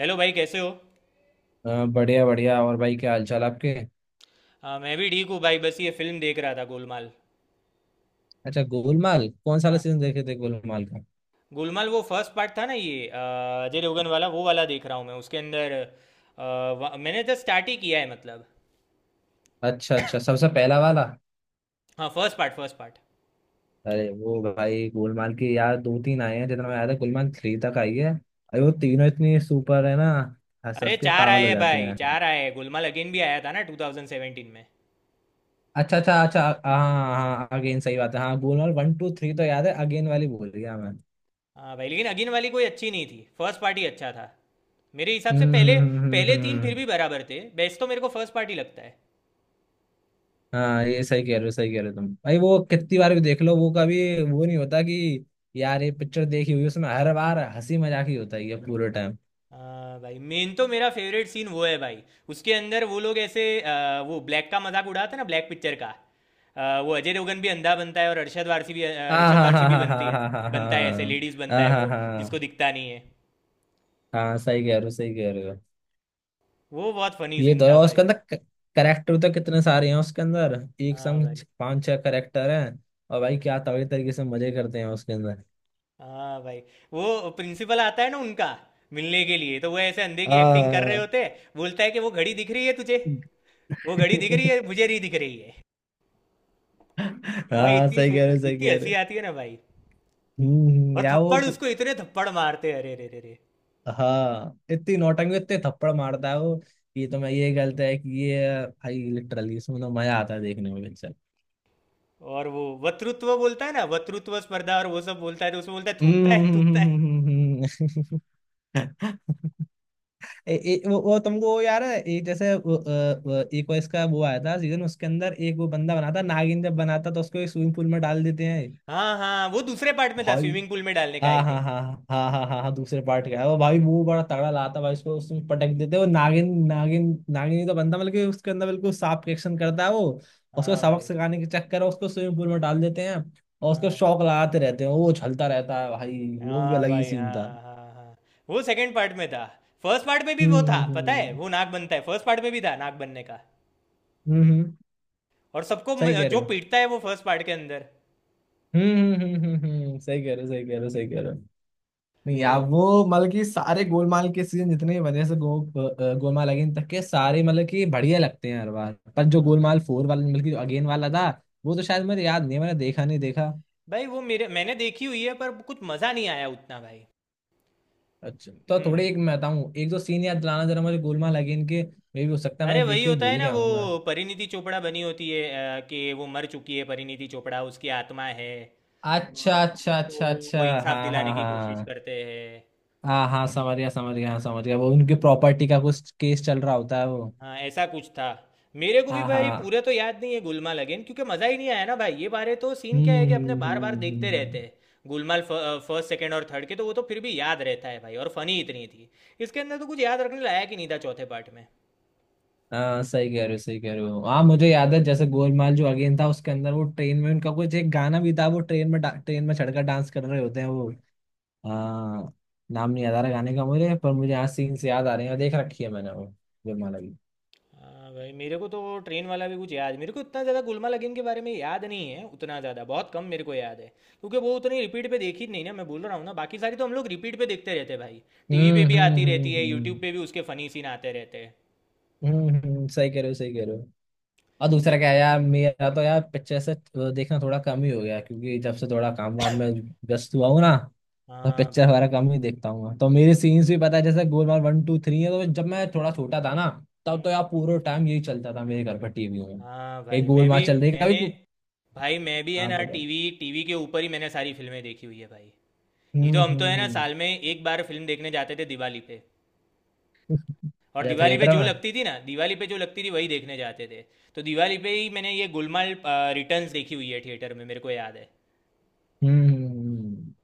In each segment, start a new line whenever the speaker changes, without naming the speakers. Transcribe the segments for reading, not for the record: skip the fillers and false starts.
Hello भाई कैसे हो।
हाँ, बढ़िया बढ़िया। और भाई, क्या हालचाल आपके?
हाँ मैं भी ठीक हूँ भाई, बस ये फिल्म देख रहा था, गोलमाल।
अच्छा, गोलमाल कौन सा वाला
हाँ,
सीजन देखे थे गोलमाल का?
गोलमाल वो फर्स्ट पार्ट था ना ये, अजय देवगन वाला, वो वाला देख रहा हूँ मैं। उसके अंदर मैंने तो स्टार्ट ही किया है मतलब।
अच्छा अच्छा, सबसे पहला वाला।
हाँ, फर्स्ट पार्ट।
अरे वो भाई, गोलमाल की यार दो तीन आए हैं, जितना मैं याद है गोलमाल थ्री तक आई है। अरे वो तीनों इतनी सुपर है ना, हंस
अरे
हंस के
चार
पागल
आए
हो
हैं
जाते
भाई,
हैं।
चार आए हैं, गोलमाल अगेन भी आया था ना 2017 में।
अच्छा अच्छा अच्छा, हाँ हाँ, अगेन सही बात है। हाँ, गोलमाल वन टू थ्री तो याद है, अगेन वाली बोल रही मैं।
हाँ भाई, लेकिन अगेन वाली कोई अच्छी नहीं थी, फर्स्ट पार्ट ही अच्छा था मेरे हिसाब से।
हम्म
पहले
हम्म हम्म
पहले
हम्म,
तीन फिर
हम्म।
भी बराबर थे, बेस्ट तो मेरे को फर्स्ट पार्ट ही लगता है।
हाँ, ये सही कह रहे हो, सही कह रहे हो तुम भाई। वो कितनी बार भी देख लो, वो कभी वो नहीं होता कि यार ये पिक्चर देखी हुई है, उसमें हर बार हंसी मजाक ही होता ही है ये पूरे टाइम।
हाँ भाई, मेन तो मेरा फेवरेट सीन वो है भाई, उसके अंदर वो लोग ऐसे वो ब्लैक का मजाक उड़ाते हैं ना, ब्लैक पिक्चर का। वो अजय देवगन भी अंधा बनता है और अरशद वारसी भी, अ,
हाँ
अरशद
हाँ
वारसी
हाँ
भी
हाँ
बनती है,
हाँ हाँ हाँ हाँ
बनता है ऐसे लेडीज बनता
हाँ
है
हाँ हाँ
वो, जिसको
हाँ,
दिखता नहीं है।
हाँ, सही कह रहे हो सही कह रहे हो।
वो बहुत फनी
ये
सीन
तो है,
था
और
भाई।
उसके अंदर करेक्टर तो कितने सारे हैं उसके अंदर, एक
हाँ
संग
भाई।
पांच छह करेक्टर हैं। और भाई, क्या तगड़े तरीके से मजे करते हैं उसके अंदर।
हाँ भाई, वो प्रिंसिपल आता है ना उनका मिलने के लिए, तो वो ऐसे अंधे की एक्टिंग कर रहे
हाँ।
होते हैं। बोलता है कि वो घड़ी दिख रही है तुझे, वो घड़ी दिख रही है, मुझे नहीं दिख रही है
हाँ
भाई।
हाँ,
इतनी
सही कह रहे हो सही
इतनी
कह रहे
हंसी
हो।
आती है ना भाई। और
या वो,
थप्पड़, उसको इतने थप्पड़ मारते हैं, अरे रे रे रे।
हाँ, इतनी नौटंकी इतने थप्पड़ मारता है वो। ये तो मैं, ये गलत है कि ये भाई लिटरली इसमें तो मजा आता है देखने में पिक्चर।
और वो वक्तृत्व बोलता है ना, वक्तृत्व स्पर्धा और वो सब बोलता है, तो उसमें बोलता है, थूकता है, थूकता है।
हम्म। ए, ए, वो तुमको वो यार है, एक जैसे वो, वो, एक वो इसका वो आया था सीजन, उसके अंदर एक वो बंदा बनाता नागिन, जब बनाता तो उसको एक स्विमिंग पूल में डाल देते हैं।
हाँ हाँ, वो दूसरे पार्ट में था,
भाई,
स्विमिंग पूल में डालने का, आई
हाँ हाँ
थिंक।
हाँ हाँ हाँ हाँ हाँ हाँ, दूसरे पार्ट का है वो भाई। मुंह बड़ा तगड़ा लाता भाई, उसको उसमें पटक देते हैं। वो नागिन नागिन नागिन ही तो बनता, मतलब कि उसके अंदर बिल्कुल सांप के एक्शन करता है वो। उसको
हाँ
सबक
भाई।
सिखाने के चक्कर में उसको स्विमिंग पूल में डाल देते हैं, और उसको
हाँ
शौक लगाते रहते हैं, वो उछलता रहता है भाई। वो भी
हाँ
अलग ही
भाई।
सीन था।
हाँ हाँ हाँ। वो सेकंड पार्ट में था। फर्स्ट पार्ट में भी
हम्म
वो था, पता है,
हम्म
वो नाक बनता है, फर्स्ट पार्ट में भी था नाक बनने का।
हम्म हम्म, हम्म,
और सबको
सही कह रहे
जो
हो।
पीटता है, वो फर्स्ट पार्ट के अंदर।
सही कह रहे हो सही कह रहे हो सही कह रहे हो। नहीं यार,
उन-
वो मतलब कि सारे गोलमाल के सीजन जितने भी बने से गोलमाल अगेन तक के सारे मतलब कि बढ़िया लगते हैं हर बार। पर जो
हाँ भाई।
गोलमाल फोर वाला, मतलब कि जो अगेन वाला था, वो तो
हम्म।
शायद मुझे याद नहीं है, मैंने देखा नहीं देखा।
भाई वो मेरे, मैंने देखी हुई है, पर कुछ मजा नहीं आया उतना भाई।
अच्छा, तो थोड़े
हम्म,
एक मैं बताऊँ एक दो सीन याद दिलाना जरा मुझे गोलमाल अगेन के, मे भी हो सकता है
अरे
मैंने
वही
देखी हुई
होता है
भूल
ना
गया
वो,
हूँ मैं।
परिणीति चोपड़ा बनी होती है, कि वो मर चुकी है, परिणीति चोपड़ा उसकी आत्मा है।
अच्छा
और
अच्छा
उसको
अच्छा अच्छा।
वो इंसाफ
हाँ
दिलाने
हाँ
की कोशिश
हाँ,
करते हैं।
हाँ हाँ समझ गया समझ गया, हाँ समझ गया। वो उनकी प्रॉपर्टी का कुछ केस चल रहा होता है वो।
हाँ ऐसा कुछ था। मेरे को भी
हाँ
भाई
हाँ।
पूरे तो याद नहीं है गुलमाल अगेन, क्योंकि मज़ा ही नहीं आया ना भाई, ये बारे तो सीन क्या है
हम्म
कि अपने
हम्म
बार बार
हम्म
देखते रहते
हम्म।
हैं। गुलमाल फर्स्ट, सेकंड और थर्ड के तो वो तो फिर भी याद रहता है भाई, और फनी इतनी थी। इसके अंदर तो कुछ याद रखने लायक ही नहीं था, चौथे पार्ट में।
हाँ, सही कह रहे हो सही कह रहे हो। हाँ मुझे याद है, जैसे गोलमाल जो अगेन था उसके अंदर वो ट्रेन में उनका कुछ एक गाना भी था। वो ट्रेन में ट्रेन में चढ़कर डांस कर रहे होते हैं वो। हाँ, नाम नहीं याद आ रहा गाने का मुझे, पर मुझे यहाँ सीन से याद आ रहे हैं, और देख रखी है मैंने वो गोलमाल की।
हाँ भाई, मेरे को तो वो ट्रेन वाला भी कुछ याद, मेरे को इतना ज़्यादा गुलमाल अगेन के बारे में याद नहीं है उतना ज़्यादा, बहुत कम मेरे को याद है। क्योंकि वो उतनी रिपीट पे देखी नहीं ना, मैं बोल रहा हूँ ना, बाकी सारी तो हम लोग रिपीट पे देखते रहते हैं भाई। टीवी पे
हम्म
भी
हम्म
आती
हम्म
रहती है,
हम्म
यूट्यूब पे भी उसके फनी सीन आते रहते हैं।
सही कह रहे हो सही कह रहे हो। और दूसरा
ले-
क्या है यार, मेरा तो यार पिक्चर से देखना थोड़ा कम ही हो गया, क्योंकि जब से थोड़ा काम वाम में व्यस्त हुआ हूँ ना। मैं
हाँ
पिक्चर वगैरह
भाई।
कम ही देखता हूँ, तो मेरे सीन्स भी पता है जैसे गोलमाल वन टू थ्री है, तो जब मैं थोड़ा छोटा था ना, तब
हम्म,
तो यार पूरा टाइम यही चलता था मेरे घर पर टीवी में।
हाँ
एक
भाई मैं भी,
गोलमाल चल रही है, कभी
मैंने, भाई मैं भी है
हाँ
ना,
बताओ।
टीवी टीवी के ऊपर ही मैंने सारी फिल्में देखी हुई है भाई। नहीं तो
हम्म
हम तो
हम्म
है ना,
हम्म।
साल में एक बार फिल्म देखने जाते थे दिवाली पे। और
अच्छा,
दिवाली पे
थिएटर
जो
में?
लगती थी ना, दिवाली पे जो लगती थी वही देखने जाते थे। तो दिवाली पे ही मैंने ये गुलमाल रिटर्न्स देखी हुई है थिएटर में, मेरे को याद है।
हम्म हम्म, हम्म।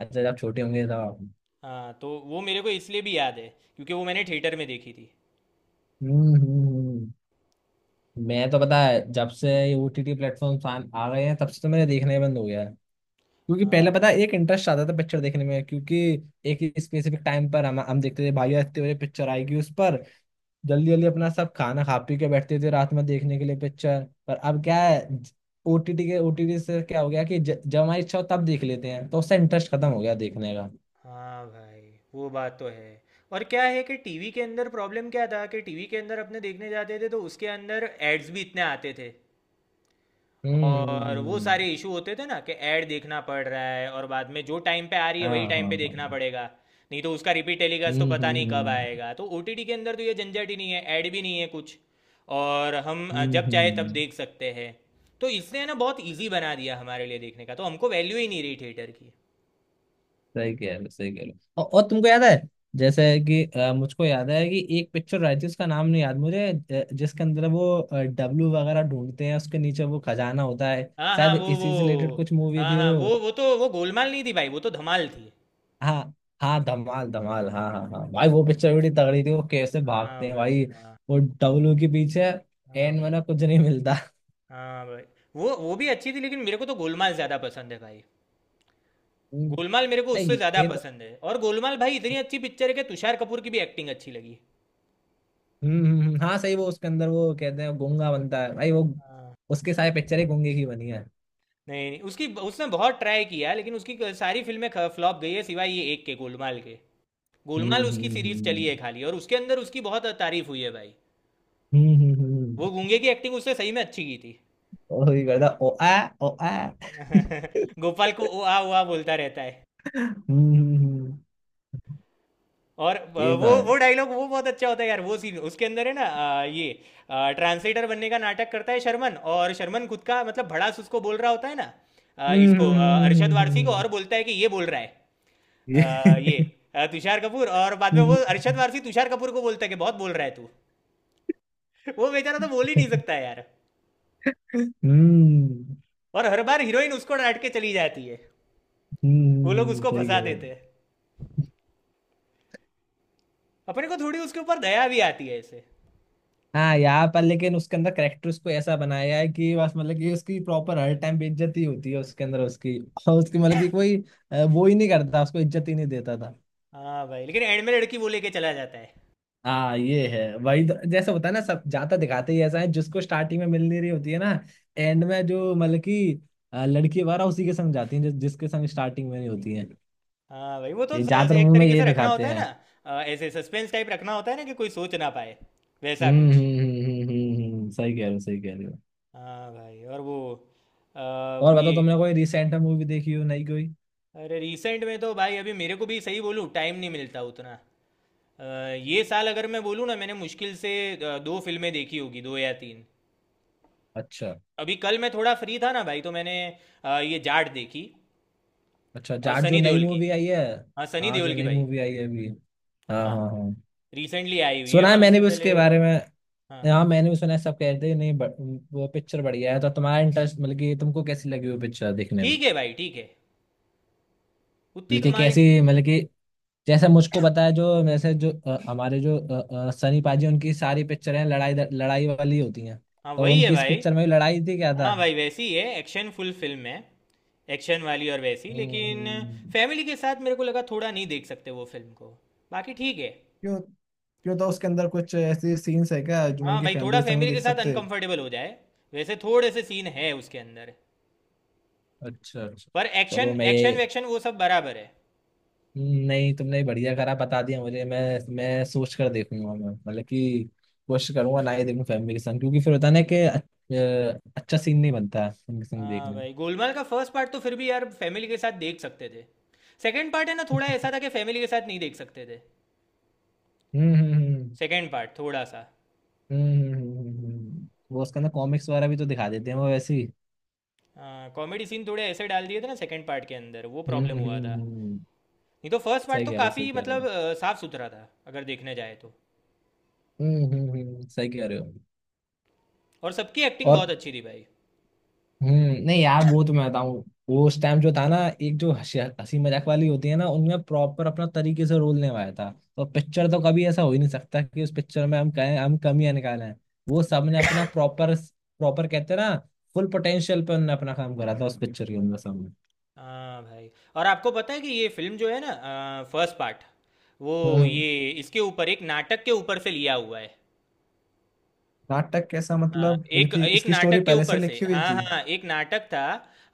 अच्छा, जब छोटे होंगे तब आप।
हाँ, तो वो मेरे को इसलिए भी याद है क्योंकि वो मैंने थिएटर में देखी थी।
हम्म हम्म, हम्म। मैं तो पता है जब से ये ओटीटी प्लेटफॉर्म आ आ गए हैं, तब से तो मैंने देखना ही बंद हो गया है। क्योंकि
हाँ
पहले पता है
भाई।
एक इंटरेस्ट आता था पिक्चर देखने में, क्योंकि एक स्पेसिफिक टाइम पर हम देखते थे भाई, यार इतने बजे पिक्चर आएगी उस पर जल्दी जल्दी अपना सब खाना खा पी के बैठते थे रात में देखने के लिए पिक्चर। पर अब क्या है, ओटीटी के, ओटीटी से क्या हो गया कि जब हमारी इच्छा हो तब देख लेते हैं, तो उससे इंटरेस्ट खत्म हो गया देखने का।
हाँ भाई, वो बात तो है। और क्या है कि टीवी के अंदर प्रॉब्लम क्या था कि टीवी के अंदर अपने देखने जाते थे तो उसके अंदर एड्स भी इतने आते थे।
हम्म हम्म हम्म,
और वो
हम्म।
सारे इशू होते थे ना कि ऐड देखना पड़ रहा है, और बाद में जो टाइम पे आ रही है वही
हाँ
टाइम
हाँ
पे देखना
हाँ।
पड़ेगा। नहीं तो उसका रिपीट
हम्म
टेलीकास्ट तो पता
हम्म
नहीं
हम्म
कब
हम्म,
आएगा। तो ओटीटी के अंदर तो ये झंझट ही नहीं है, ऐड भी नहीं है कुछ। और हम
हम्म,
जब
हम्म,
चाहे
हम्म,
तब
हम्म।
देख सकते हैं। तो इसने ना बहुत इजी बना दिया हमारे लिए देखने का, तो हमको वैल्यू ही नहीं रही थिएटर की।
सही कह रहे हो सही कह रहे हो। और तुमको याद है जैसे कि मुझको याद है कि एक पिक्चर आई थी, उसका नाम नहीं याद मुझे, जिसके अंदर वो डब्लू वगैरह ढूंढते हैं, उसके नीचे वो खजाना होता है।
हाँ हाँ,
शायद
वो।
इसी से रिलेटेड कुछ मूवी
हाँ
थी
हाँ,
वो।
वो तो वो गोलमाल नहीं थी भाई, वो तो धमाल थी।
हाँ हाँ, धमाल धमाल, हाँ हाँ हाँ भाई, वो पिक्चर बड़ी तगड़ी थी। वो कैसे
हाँ
भागते हैं
भाई।
भाई
हाँ
वो डब्लू के पीछे,
हाँ
एन
भाई।
वाला कुछ नहीं मिलता।
हाँ भाई, वो भी अच्छी थी, लेकिन मेरे को तो गोलमाल ज़्यादा पसंद है भाई।
हम्म।
गोलमाल मेरे को
नहीं
उससे
ये
ज्यादा
ये तो,
पसंद है। और गोलमाल भाई इतनी अच्छी पिक्चर है कि तुषार कपूर की भी एक्टिंग अच्छी लगी।
हाँ सही, वो उसके अंदर वो कहते हैं गूंगा बनता है भाई वो,
हाँ।
उसके सारे पिक्चर ही गूंगे की बनी है।
नहीं नहीं उसकी उसने बहुत ट्राई किया, लेकिन उसकी सारी फिल्में फ्लॉप गई है, सिवाय ये एक के, गोलमाल के। गोलमाल
हम्म
उसकी सीरीज चली है
हम्म
खाली, और उसके अंदर उसकी बहुत तारीफ हुई है भाई।
हम्म हम्म हम्म,
वो गूंगे की एक्टिंग उसने सही में अच्छी की थी।
वही करता ओ आ, ओ आ।
गोपाल को ओ आ बोलता रहता है।
हम्म।
और अ,
ये तो
वो
है।
वो डायलॉग वो बहुत अच्छा होता है यार, वो सीन उसके अंदर है ना। ये ट्रांसलेटर बनने का नाटक करता है शर्मन, और शर्मन खुद का मतलब भड़ास उसको बोल रहा होता है ना।
हम्म
इसको,
हम्म, हम्म, हम्म,
अरशद
हम्म,
वारसी को,
हम्म,
और बोलता है कि ये बोल रहा है
ये।
अ, ये तुषार कपूर। और बाद में
हम्म
वो अरशद वारसी तुषार कपूर को बोलता है कि बहुत बोल रहा है तू। वो बेचारा तो बोल ही नहीं सकता है यार।
हम्म
और हर बार हीरोइन उसको डांट के चली जाती है। वो लोग उसको
सही
फंसा
कह रहे हो।
देते हैं। अपने को थोड़ी उसके ऊपर दया भी आती है ऐसे।
हाँ, यहाँ पर लेकिन उसके अंदर करेक्टर उसको ऐसा बनाया है कि बस, मतलब कि उसकी प्रॉपर हर टाइम बेइज्जती ही होती है उसके अंदर उसकी, और उसकी मतलब कि कोई वो ही नहीं करता, उसको इज्जत ही नहीं देता था।
हाँ भाई, लेकिन एंड में लड़की वो लेके चला जाता है।
हाँ ये है वही तो, जैसे होता है ना सब ज्यादा दिखाते ही ऐसा है, जिसको स्टार्टिंग में मिल नहीं रही होती है ना, एंड में जो मतलब कि लड़की वगैरह उसी के संग जाती है, जिसके संग स्टार्टिंग में नहीं होती है।
हाँ भाई, वो तो
ये ज्यादातर
एक
मूवी में
तरीके
यही
से रखना
दिखाते
होता है ना।
हैं।
ऐसे सस्पेंस टाइप रखना होता है ना कि कोई सोच ना पाए वैसा कुछ।
सही कह रहे हो सही कह रहे हो।
हाँ भाई। और वो अ,
और बताओ,
ये
तुमने कोई रिसेंट में मूवी देखी हो? नहीं कोई?
अरे रिसेंट में तो भाई अभी मेरे को भी सही बोलूँ टाइम नहीं मिलता उतना। अ, ये साल अगर मैं बोलूँ ना, मैंने मुश्किल से दो फिल्में देखी होगी, दो या तीन।
अच्छा,
अभी कल मैं थोड़ा फ्री था ना भाई, तो मैंने ये जाट देखी,
अच्छा जाट जो
सनी
नई
देओल की।
मूवी आई है।
हाँ, सनी
हाँ,
देओल
जो
की
नई
भाई।
मूवी आई है अभी। हाँ
हाँ,
हाँ हाँ,
रिसेंटली आई हुई है।
सुना है
और
मैंने
उससे
भी
पहले,
उसके बारे में।
हाँ।
हाँ मैंने भी सुना है, सब कह रहे थे नहीं वो पिक्चर बढ़िया है। तो तुम्हारा इंटरेस्ट, मतलब कि तुमको कैसी लगी वो पिक्चर देखने में?
ठीक है भाई, ठीक है, उतनी
मतलब कि
कमाल की
कैसी,
नहीं है।
मतलब कि जैसे मुझको बताया जो, वैसे जो हमारे जो सनी पाजी उनकी सारी पिक्चर हैं लड़ाई लड़ाई वाली होती हैं,
हाँ
तो
वही है
उनकी इस
भाई।
पिक्चर में भी लड़ाई थी क्या था?
हाँ भाई वैसी ही है, एक्शन फुल फिल्म है, एक्शन वाली और वैसी। लेकिन
हम्म।
फैमिली के साथ मेरे को लगा थोड़ा नहीं देख सकते वो फिल्म को, बाकी ठीक है।
क्यों क्यों, तो उसके अंदर कुछ ऐसे सीन्स है क्या जो मतलब
हाँ
कि
भाई,
फैमिली
थोड़ा
के संग नहीं
फैमिली
देख
के साथ
सकते?
अनकंफर्टेबल हो जाए, वैसे थोड़े से सीन है उसके अंदर।
अच्छा अच्छा।
पर
चलो
एक्शन,
मैं
एक्शन
ये,
वैक्शन वो सब बराबर है।
नहीं तुमने बढ़िया करा बता दिया मुझे। मैं सोच कर देखूंगा मैं, मतलब कि कोशिश करूंगा ना ही देखूं फैमिली के संग, क्योंकि फिर होता है ना कि अच्छा सीन नहीं बनता है उनके संग
हाँ
देखने में।
भाई, गोलमाल का फर्स्ट पार्ट तो फिर भी यार फैमिली के साथ देख सकते थे। सेकंड पार्ट है ना थोड़ा ऐसा था कि फैमिली के साथ नहीं देख सकते थे,
हम्म हम्म हम्म
सेकंड पार्ट थोड़ा सा।
हम्म हम्म, हम्म, हम्म। वो उसके अंदर कॉमिक्स वगैरह भी तो दिखा देते हैं वो वैसे ही।
कॉमेडी सीन थोड़े ऐसे डाल दिए थे ना सेकंड पार्ट के अंदर, वो प्रॉब्लम हुआ था।
हम्म,
नहीं तो फर्स्ट पार्ट
सही
तो
कह रहे हो
काफ़ी
सही कह रहे
मतलब
हो।
साफ सुथरा था अगर देखने जाए तो।
सही कह रहे हो।
और सबकी एक्टिंग बहुत
और
अच्छी थी भाई।
हम्म, नहीं यार, वो तो मैं बताऊं वो उस टाइम जो था ना, एक जो हंसी हंसी मजाक वाली होती है ना उनमें प्रॉपर अपना तरीके से रोल निभाया था। तो पिक्चर तो कभी ऐसा हो ही नहीं सकता कि उस पिक्चर में हम कहें हम कमियां निकालें। वो सबने अपना प्रॉपर, प्रॉपर कहते हैं ना, फुल पोटेंशियल पे उन्होंने अपना काम करा था उस पिक्चर के अंदर सबने।
हाँ भाई। और आपको पता है कि ये फिल्म जो है ना, फर्स्ट पार्ट वो,
हम्म।
ये इसके ऊपर एक नाटक के ऊपर से लिया हुआ है।
नाटक कैसा,
हाँ,
मतलब
एक,
बल्कि
एक
इसकी स्टोरी
नाटक के
पहले से
ऊपर से,
लिखी हुई
हाँ
थी?
हाँ, एक नाटक था।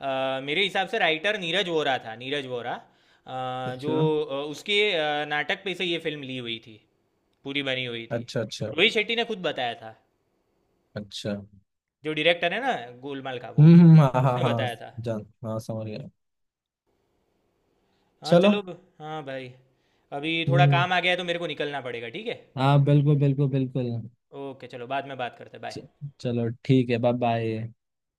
मेरे हिसाब से राइटर नीरज वोरा था, नीरज वोरा, अ, जो
अच्छा
उसके नाटक पे से ये फिल्म ली हुई थी, पूरी बनी हुई थी।
अच्छा अच्छा
रोहित शेट्टी ने खुद बताया था,
अच्छा।
जो डायरेक्टर है ना गोलमाल का, वो,
हाँ हाँ
उसने
हाँ,
बताया था।
जान हाँ समझ गया।
हाँ
चलो।
चलो, हाँ भाई, अभी थोड़ा
हम्म।
काम आ गया है तो मेरे को निकलना पड़ेगा, ठीक है।
हाँ बिल्कुल बिल्कुल बिल्कुल।
ओके चलो, बाद में बात करते हैं, बाय।
च- चलो ठीक है, बाय बाय।